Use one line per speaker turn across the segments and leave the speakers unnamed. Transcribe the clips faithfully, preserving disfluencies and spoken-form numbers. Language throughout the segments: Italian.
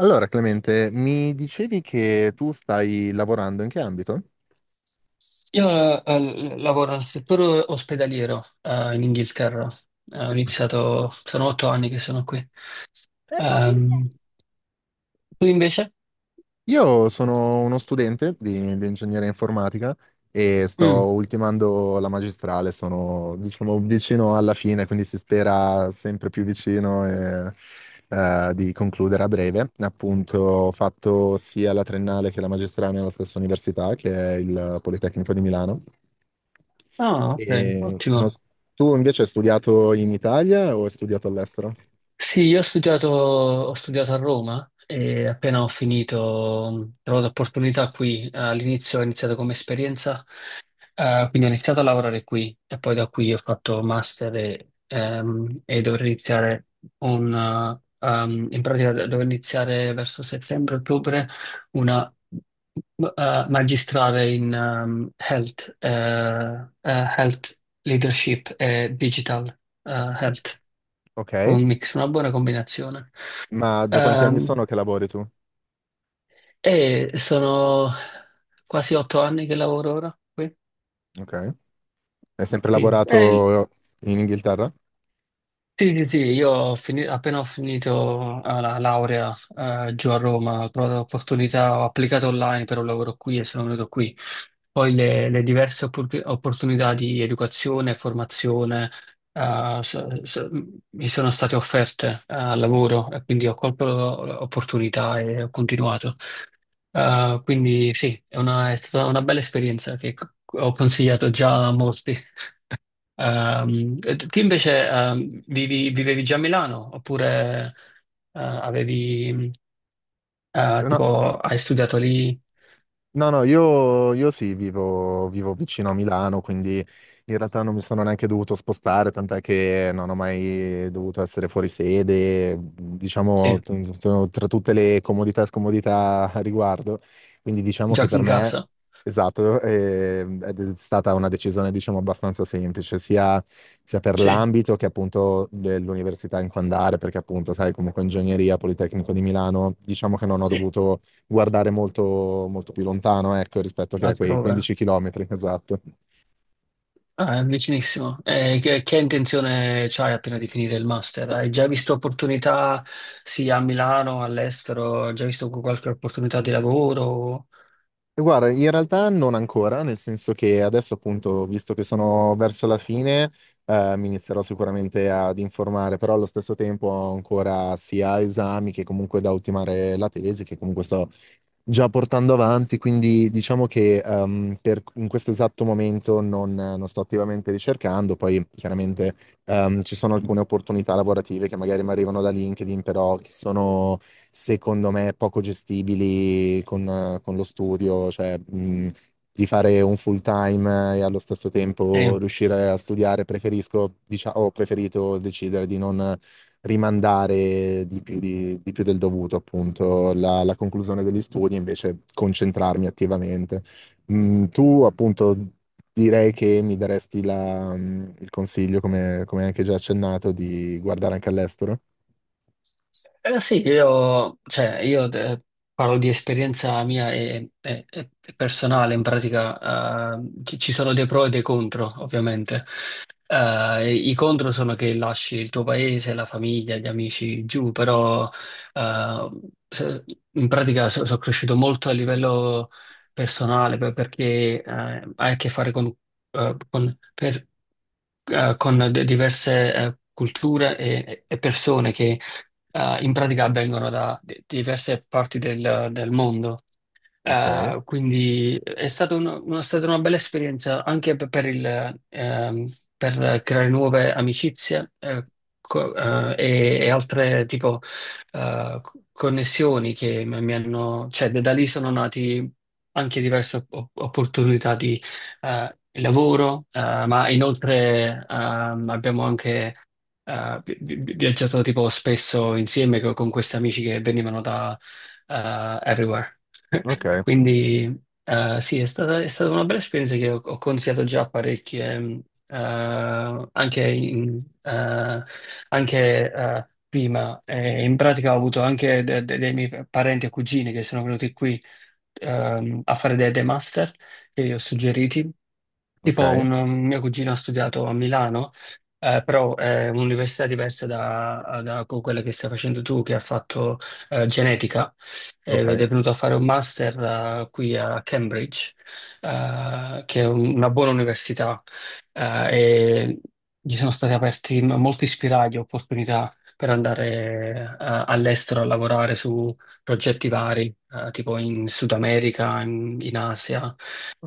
Allora, Clemente, mi dicevi che tu stai lavorando in che ambito?
Io eh, lavoro nel settore ospedaliero eh, in Inghilterra. Eh, ho iniziato, sono otto anni che sono qui. Ehm, Tu invece?
Io sono uno studente di, di ingegneria informatica e sto
Mm.
ultimando la magistrale, sono diciamo vicino alla fine, quindi si spera sempre più vicino e, eh, di concludere a breve. Appunto, ho fatto sia la triennale che la magistrale nella stessa università, che è il Politecnico di Milano.
Ah, ok,
E non
ottimo.
s- Tu invece hai studiato in Italia o hai studiato all'estero?
Sì, io ho studiato, ho studiato a Roma e appena ho finito, mh, ho trovato opportunità qui. Eh, All'inizio ho iniziato come esperienza. Eh, quindi ho iniziato a lavorare qui e poi da qui ho fatto master e, ehm, e dovrei iniziare un, eh, ehm, in pratica dovrei iniziare verso settembre-ottobre una eh, magistrale in ehm, health, eh, eh, health leadership e digital eh, health,
Ok,
un mix, una buona combinazione.
ma da quanti anni sono
Ehm,
che lavori tu?
e sono quasi otto anni che lavoro ora qui.
Ok. Hai sempre
Sì. È,
lavorato in Inghilterra?
sì, sì, sì, io ho fini- appena ho finito eh, la laurea eh, giù a Roma, ho trovato l'opportunità, ho applicato online per un lavoro qui e sono venuto qui. Poi le, le diverse oppor- opportunità di educazione e formazione eh, so- so- mi sono state offerte eh, al lavoro e quindi ho colto l'opportunità e ho continuato. Eh, quindi sì, è una- è stata una bella esperienza che c- ho consigliato già a molti. Ehm, e tu invece ehm, vivi- vivevi già a Milano oppure eh, avevi, eh,
No.
tipo, hai studiato lì?
No, no, io, io sì, vivo, vivo vicino a Milano, quindi in realtà non mi sono neanche dovuto spostare, tant'è che non ho mai dovuto essere fuori sede, mhmm, diciamo,
Sì,
t- t- tra tutte le comodità e scomodità a riguardo. Quindi diciamo che
giochi
per
in
me,
casa?
esatto, eh, è stata una decisione, diciamo, abbastanza semplice, sia, sia per
Sì,
l'ambito che appunto dell'università in cui andare, perché appunto, sai, comunque ingegneria, Politecnico di Milano, diciamo che non ho
sì,
dovuto guardare molto, molto più lontano, ecco, rispetto che a quei
altrove.
quindici chilometri, esatto.
Ah, è vicinissimo. E che, che intenzione c'hai appena di finire il master? Hai già visto opportunità sia a Milano, all'estero? Hai già visto qualche opportunità di lavoro?
E guarda, in realtà non ancora, nel senso che adesso appunto, visto che sono verso la fine, eh, mi inizierò sicuramente ad informare, però allo stesso tempo ho ancora sia esami che comunque da ultimare la tesi, che comunque sto già portando avanti, quindi diciamo che ehm, per- in questo esatto momento non, non sto attivamente ricercando, poi chiaramente ehm, ci sono alcune opportunità lavorative che magari mi arrivano da LinkedIn, però che sono secondo me poco gestibili con, eh, con lo studio, cioè mh, di fare un full time eh, e allo stesso tempo
Sì.
riuscire a studiare, preferisco, diciamo, ho preferito decidere di non rimandare di più, di- di più del dovuto, appunto, la, la conclusione degli studi, invece concentrarmi attivamente. Mm, tu, appunto, direi che mi daresti la- mm, il consiglio, come, come anche già accennato, di guardare anche all'estero.
Eh, sì, io, cioè, io eh, parlo di esperienza mia e, e- e personale, in pratica eh, ci ci sono dei pro e dei contro, ovviamente. Eh, I contro sono che lasci il tuo paese, la famiglia, gli amici giù, però eh, se- in pratica so- sono cresciuto molto a livello personale per- perché eh, hai a che fare con, eh, con- per- eh, con de- diverse eh, culture e e persone che eh, in pratica avvengono da di- diverse parti del, del mondo.
Ok,
Eh, quindi è stato uno- una- stata una bella esperienza anche per, per il, ehm, per creare nuove amicizie eh, co- eh, e, e altre tipo eh, co- connessioni che mi, mi hanno, cioè da da lì sono nati anche diverse op- opportunità di eh, lavoro, eh, ma inoltre ehm, abbiamo anche eh, vi- vi- viaggiato tipo spesso insieme co- con questi amici che venivano da eh, everywhere.
ok,
Quindi eh, sì, è stata, è stata una bella esperienza che ho, ho consigliato già a parecchie, mh, eh, anche, in- eh, anche, eh, prima. Eh, in pratica ho avuto anche de- de- dei miei parenti e cugini che sono venuti qui ehm, a fare dei, dei master che io ho suggeriti.
ok,
Tipo un, un mio cugino ha studiato a Milano, eh, però è un'università diversa da, da quella che stai facendo tu, che ha fatto eh, genetica. Eh, ed
ok,
è venuto a fare un master eh, qui a Cambridge, eh, che è un- una buona università, eh, e gli sono stati aperti m- molti spiragli, opportunità per andare eh, all'estero a lavorare su progetti vari, eh, tipo in Sud America, in, in Asia.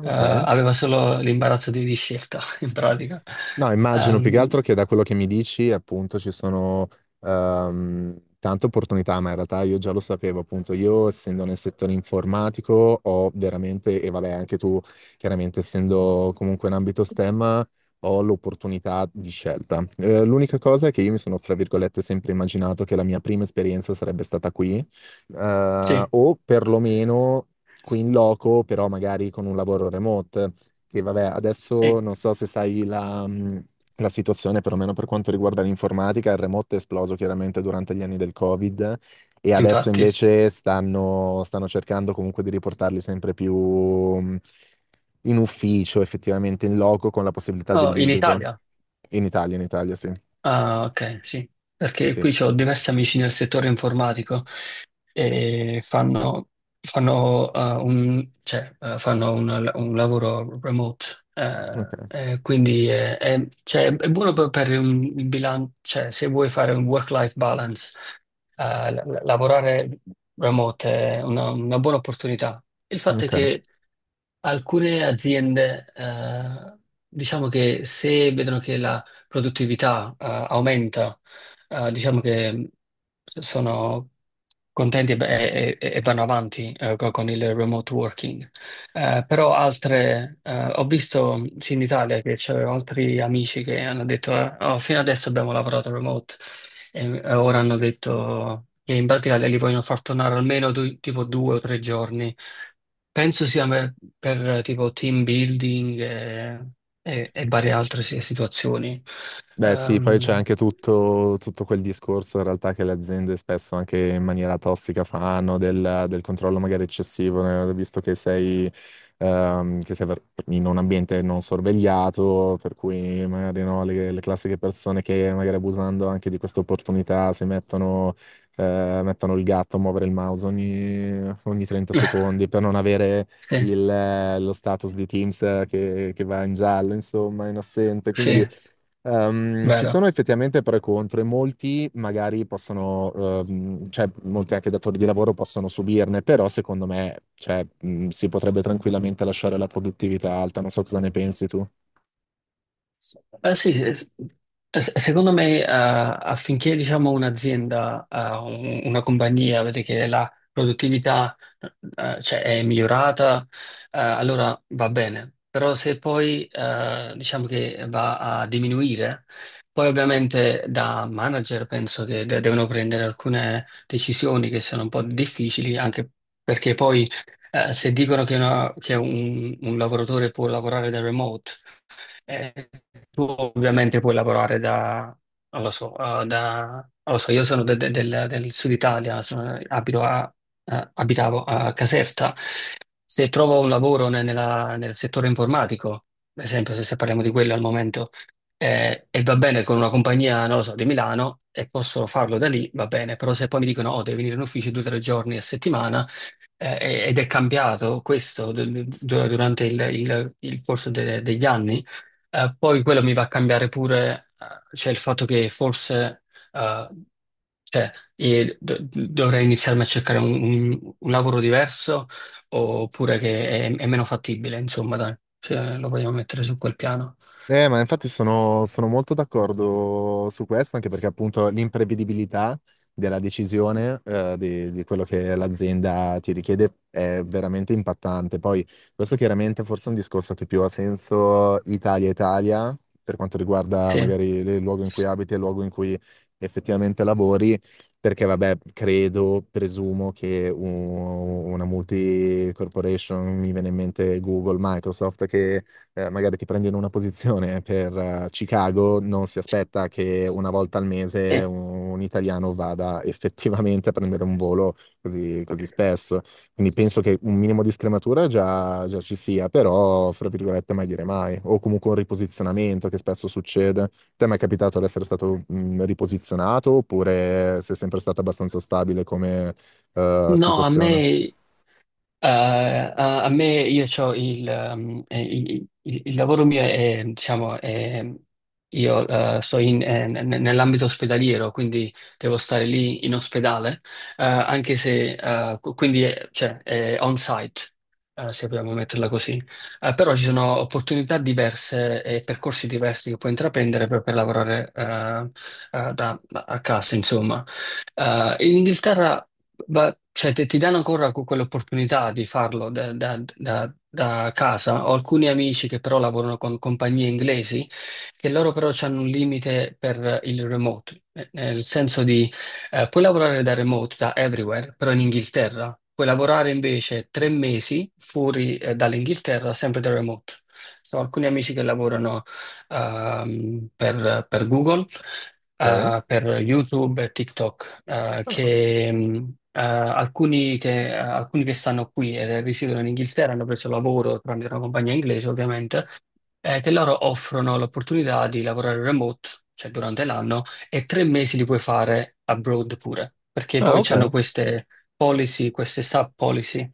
Eh, aveva solo l'imbarazzo di, di scelta, in pratica.
No, immagino più che
Ehm,
altro che da quello che mi dici, appunto, ci sono ehm, tante opportunità, ma in realtà io già lo sapevo, appunto, io essendo nel settore informatico ho veramente, e vabbè, anche tu, chiaramente essendo comunque in ambito S T E M, ho l'opportunità di scelta. Eh, l'unica cosa è che io mi sono, fra virgolette, sempre immaginato che la mia prima esperienza sarebbe stata qui, eh,
sì,
o perlomeno qui in loco, però magari con un lavoro remote. Che vabbè, adesso
sì,
non so se sai la, mh, la situazione, perlomeno per quanto riguarda l'informatica, il remoto è esploso chiaramente durante gli anni del Covid e adesso
infatti.
invece stanno, stanno cercando comunque di riportarli sempre più mh, in ufficio, effettivamente in loco, con la possibilità
Oh, in
dell'ibrido.
Italia?
In Italia, in Italia, sì.
Ah, ok, sì,
Sì,
perché
sì.
qui ho diversi amici nel settore informatico e fanno, fanno, eh, un, cioè, eh, fanno un, un lavoro remote,
Ok,
eh, e quindi è, è- cioè, è buono per, per un- il bilancio, cioè, se vuoi fare un work-life balance, eh, la- la- lavorare remote è una, una buona opportunità. Il fatto è
ok.
che alcune aziende, eh, diciamo che se vedono che la produttività, eh, aumenta, eh, diciamo che mh, s- sono contenti e, e- e- e vanno avanti, eh, co- con il remote working. Eh, però altre, eh, ho visto sì, in Italia che c'erano altri amici che hanno detto, eh, "Oh, fino adesso abbiamo lavorato remote e e ora hanno detto che in pratica li vogliono far tornare almeno due- tipo due o tre giorni." Penso sia per, per, eh, tipo team building e, e- e varie altre si- situazioni.
Beh sì, poi c'è
Ehm,
anche tutto, tutto quel discorso in realtà che le aziende spesso anche in maniera tossica fanno del, del controllo magari eccessivo, né? Visto che sei, ehm, che sei per- in un ambiente non sorvegliato, per cui magari no, le, le classiche persone che magari abusando anche di questa opportunità si mettono, eh, mettono il gatto a muovere il mouse ogni, ogni trenta secondi per non avere
sì,
il, eh, lo status di Teams che, che va in giallo, insomma, in assente. Quindi...
sì,
Ehm, ci
vero.
sono effettivamente pro e contro e molti magari possono, ehm, cioè molti anche datori di lavoro possono subirne, però secondo me, cioè, mh, si potrebbe tranquillamente lasciare la produttività alta, non so cosa ne pensi tu.
Eh, sì, eh, eh, secondo me eh, affinché diciamo, un'azienda, eh, un- una compagnia, vede che la produttività eh, cioè, è migliorata, eh, allora va bene. Però se poi eh, diciamo che va a diminuire, poi ovviamente da manager penso che de- devono prendere alcune decisioni che sono un po' difficili, anche perché poi eh, se dicono che, una- che un un lavoratore può lavorare da remote, eh, tu ovviamente puoi lavorare da, non lo so, eh, da, non lo so, io sono de- de- del, del sud Italia, sono- abito a- eh, abitavo a Caserta. Se trovo un lavoro ne- nella- nel settore informatico, ad esempio, se, se parliamo di quello al momento, eh, e va bene con una compagnia, non lo so, di Milano, e posso farlo da lì, va bene, però se poi mi dicono, oh, devi venire in ufficio due o tre giorni a settimana, eh, ed è cambiato questo du- du- durante il, il- il corso de- degli anni. Eh, poi quello mi va a cambiare pure, eh, cioè il fatto che forse eh, cioè, e do- dovrei iniziarmi a cercare un, un- un lavoro diverso oppure che è, è meno fattibile, insomma, dai, Cioè, lo vogliamo mettere su quel piano.
Eh, ma infatti sono, sono molto d'accordo su questo, anche perché appunto l'imprevedibilità della decisione eh, di, di quello che l'azienda ti richiede è veramente impattante. Poi questo chiaramente forse è un discorso che più ha senso Italia-Italia, per quanto riguarda
Sì.
magari il luogo in cui abiti e il luogo in cui effettivamente lavori, perché vabbè, credo, presumo che un- una multi-corporation, mi viene in mente Google, Microsoft, che eh, magari ti prendi in una posizione per eh, Chicago, non si aspetta che una volta al mese
Sì.
un, un italiano vada effettivamente a prendere un volo così, così spesso. Quindi penso che un minimo di scrematura già, già ci sia, però, fra virgolette, mai dire mai. O comunque un riposizionamento che spesso succede. Te mi è capitato di essere stato mh, riposizionato oppure sei sempre stata abbastanza stabile come eh,
No, a
situazione?
me. Eh, a, a me io c'ho il, ehm, eh, il- il- il lavoro mio è, diciamo, è- io eh, sto in- eh, n- n- nell'ambito ospedaliero, quindi devo stare lì in ospedale, eh, anche se, eh, qu- quindi è, cioè, è on-site, eh, se vogliamo metterla così. Eh, però ci sono opportunità diverse e percorsi diversi che puoi intraprendere per, per lavorare eh, eh, da, da- a casa, insomma. Eh, in Inghilterra ma, cioè, te- ti danno ancora que- quell'opportunità di farlo da, da- da- da casa. Ho alcuni amici che però lavorano con compagnie inglesi, che loro però hanno un limite per il remote, eh, nel senso di eh, puoi lavorare da remote, da everywhere, però in Inghilterra. Puoi lavorare invece tre mesi fuori eh, dall'Inghilterra, sempre da remote. So, alcuni amici che lavorano ehm, per per Google
Ok.
eh, per YouTube e TikTok eh,
Ah,
che mh, eh, alcuni, che, eh, alcuni che stanno qui e risiedono in Inghilterra hanno preso lavoro tramite una compagnia inglese, ovviamente, eh, che loro offrono l'opportunità di lavorare remote, cioè durante l'anno, e tre mesi li puoi fare abroad pure, perché
ah,
poi
ok.
hanno queste policy, queste sub policy.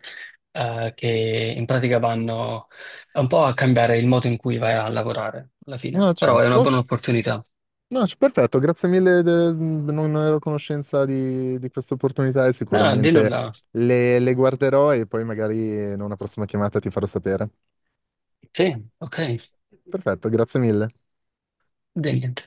eh, che in pratica vanno un po' a cambiare il modo in cui vai a lavorare alla
Ah,
fine, però è
certo.
una
Ok,
buona opportunità.
No, c- perfetto, grazie mille, de- non ero a conoscenza di, di questa opportunità e
Ah, di
sicuramente
nulla.
le, le guarderò e poi magari in una prossima chiamata ti farò sapere.
Sì, ok,
Perfetto, grazie mille.
di niente.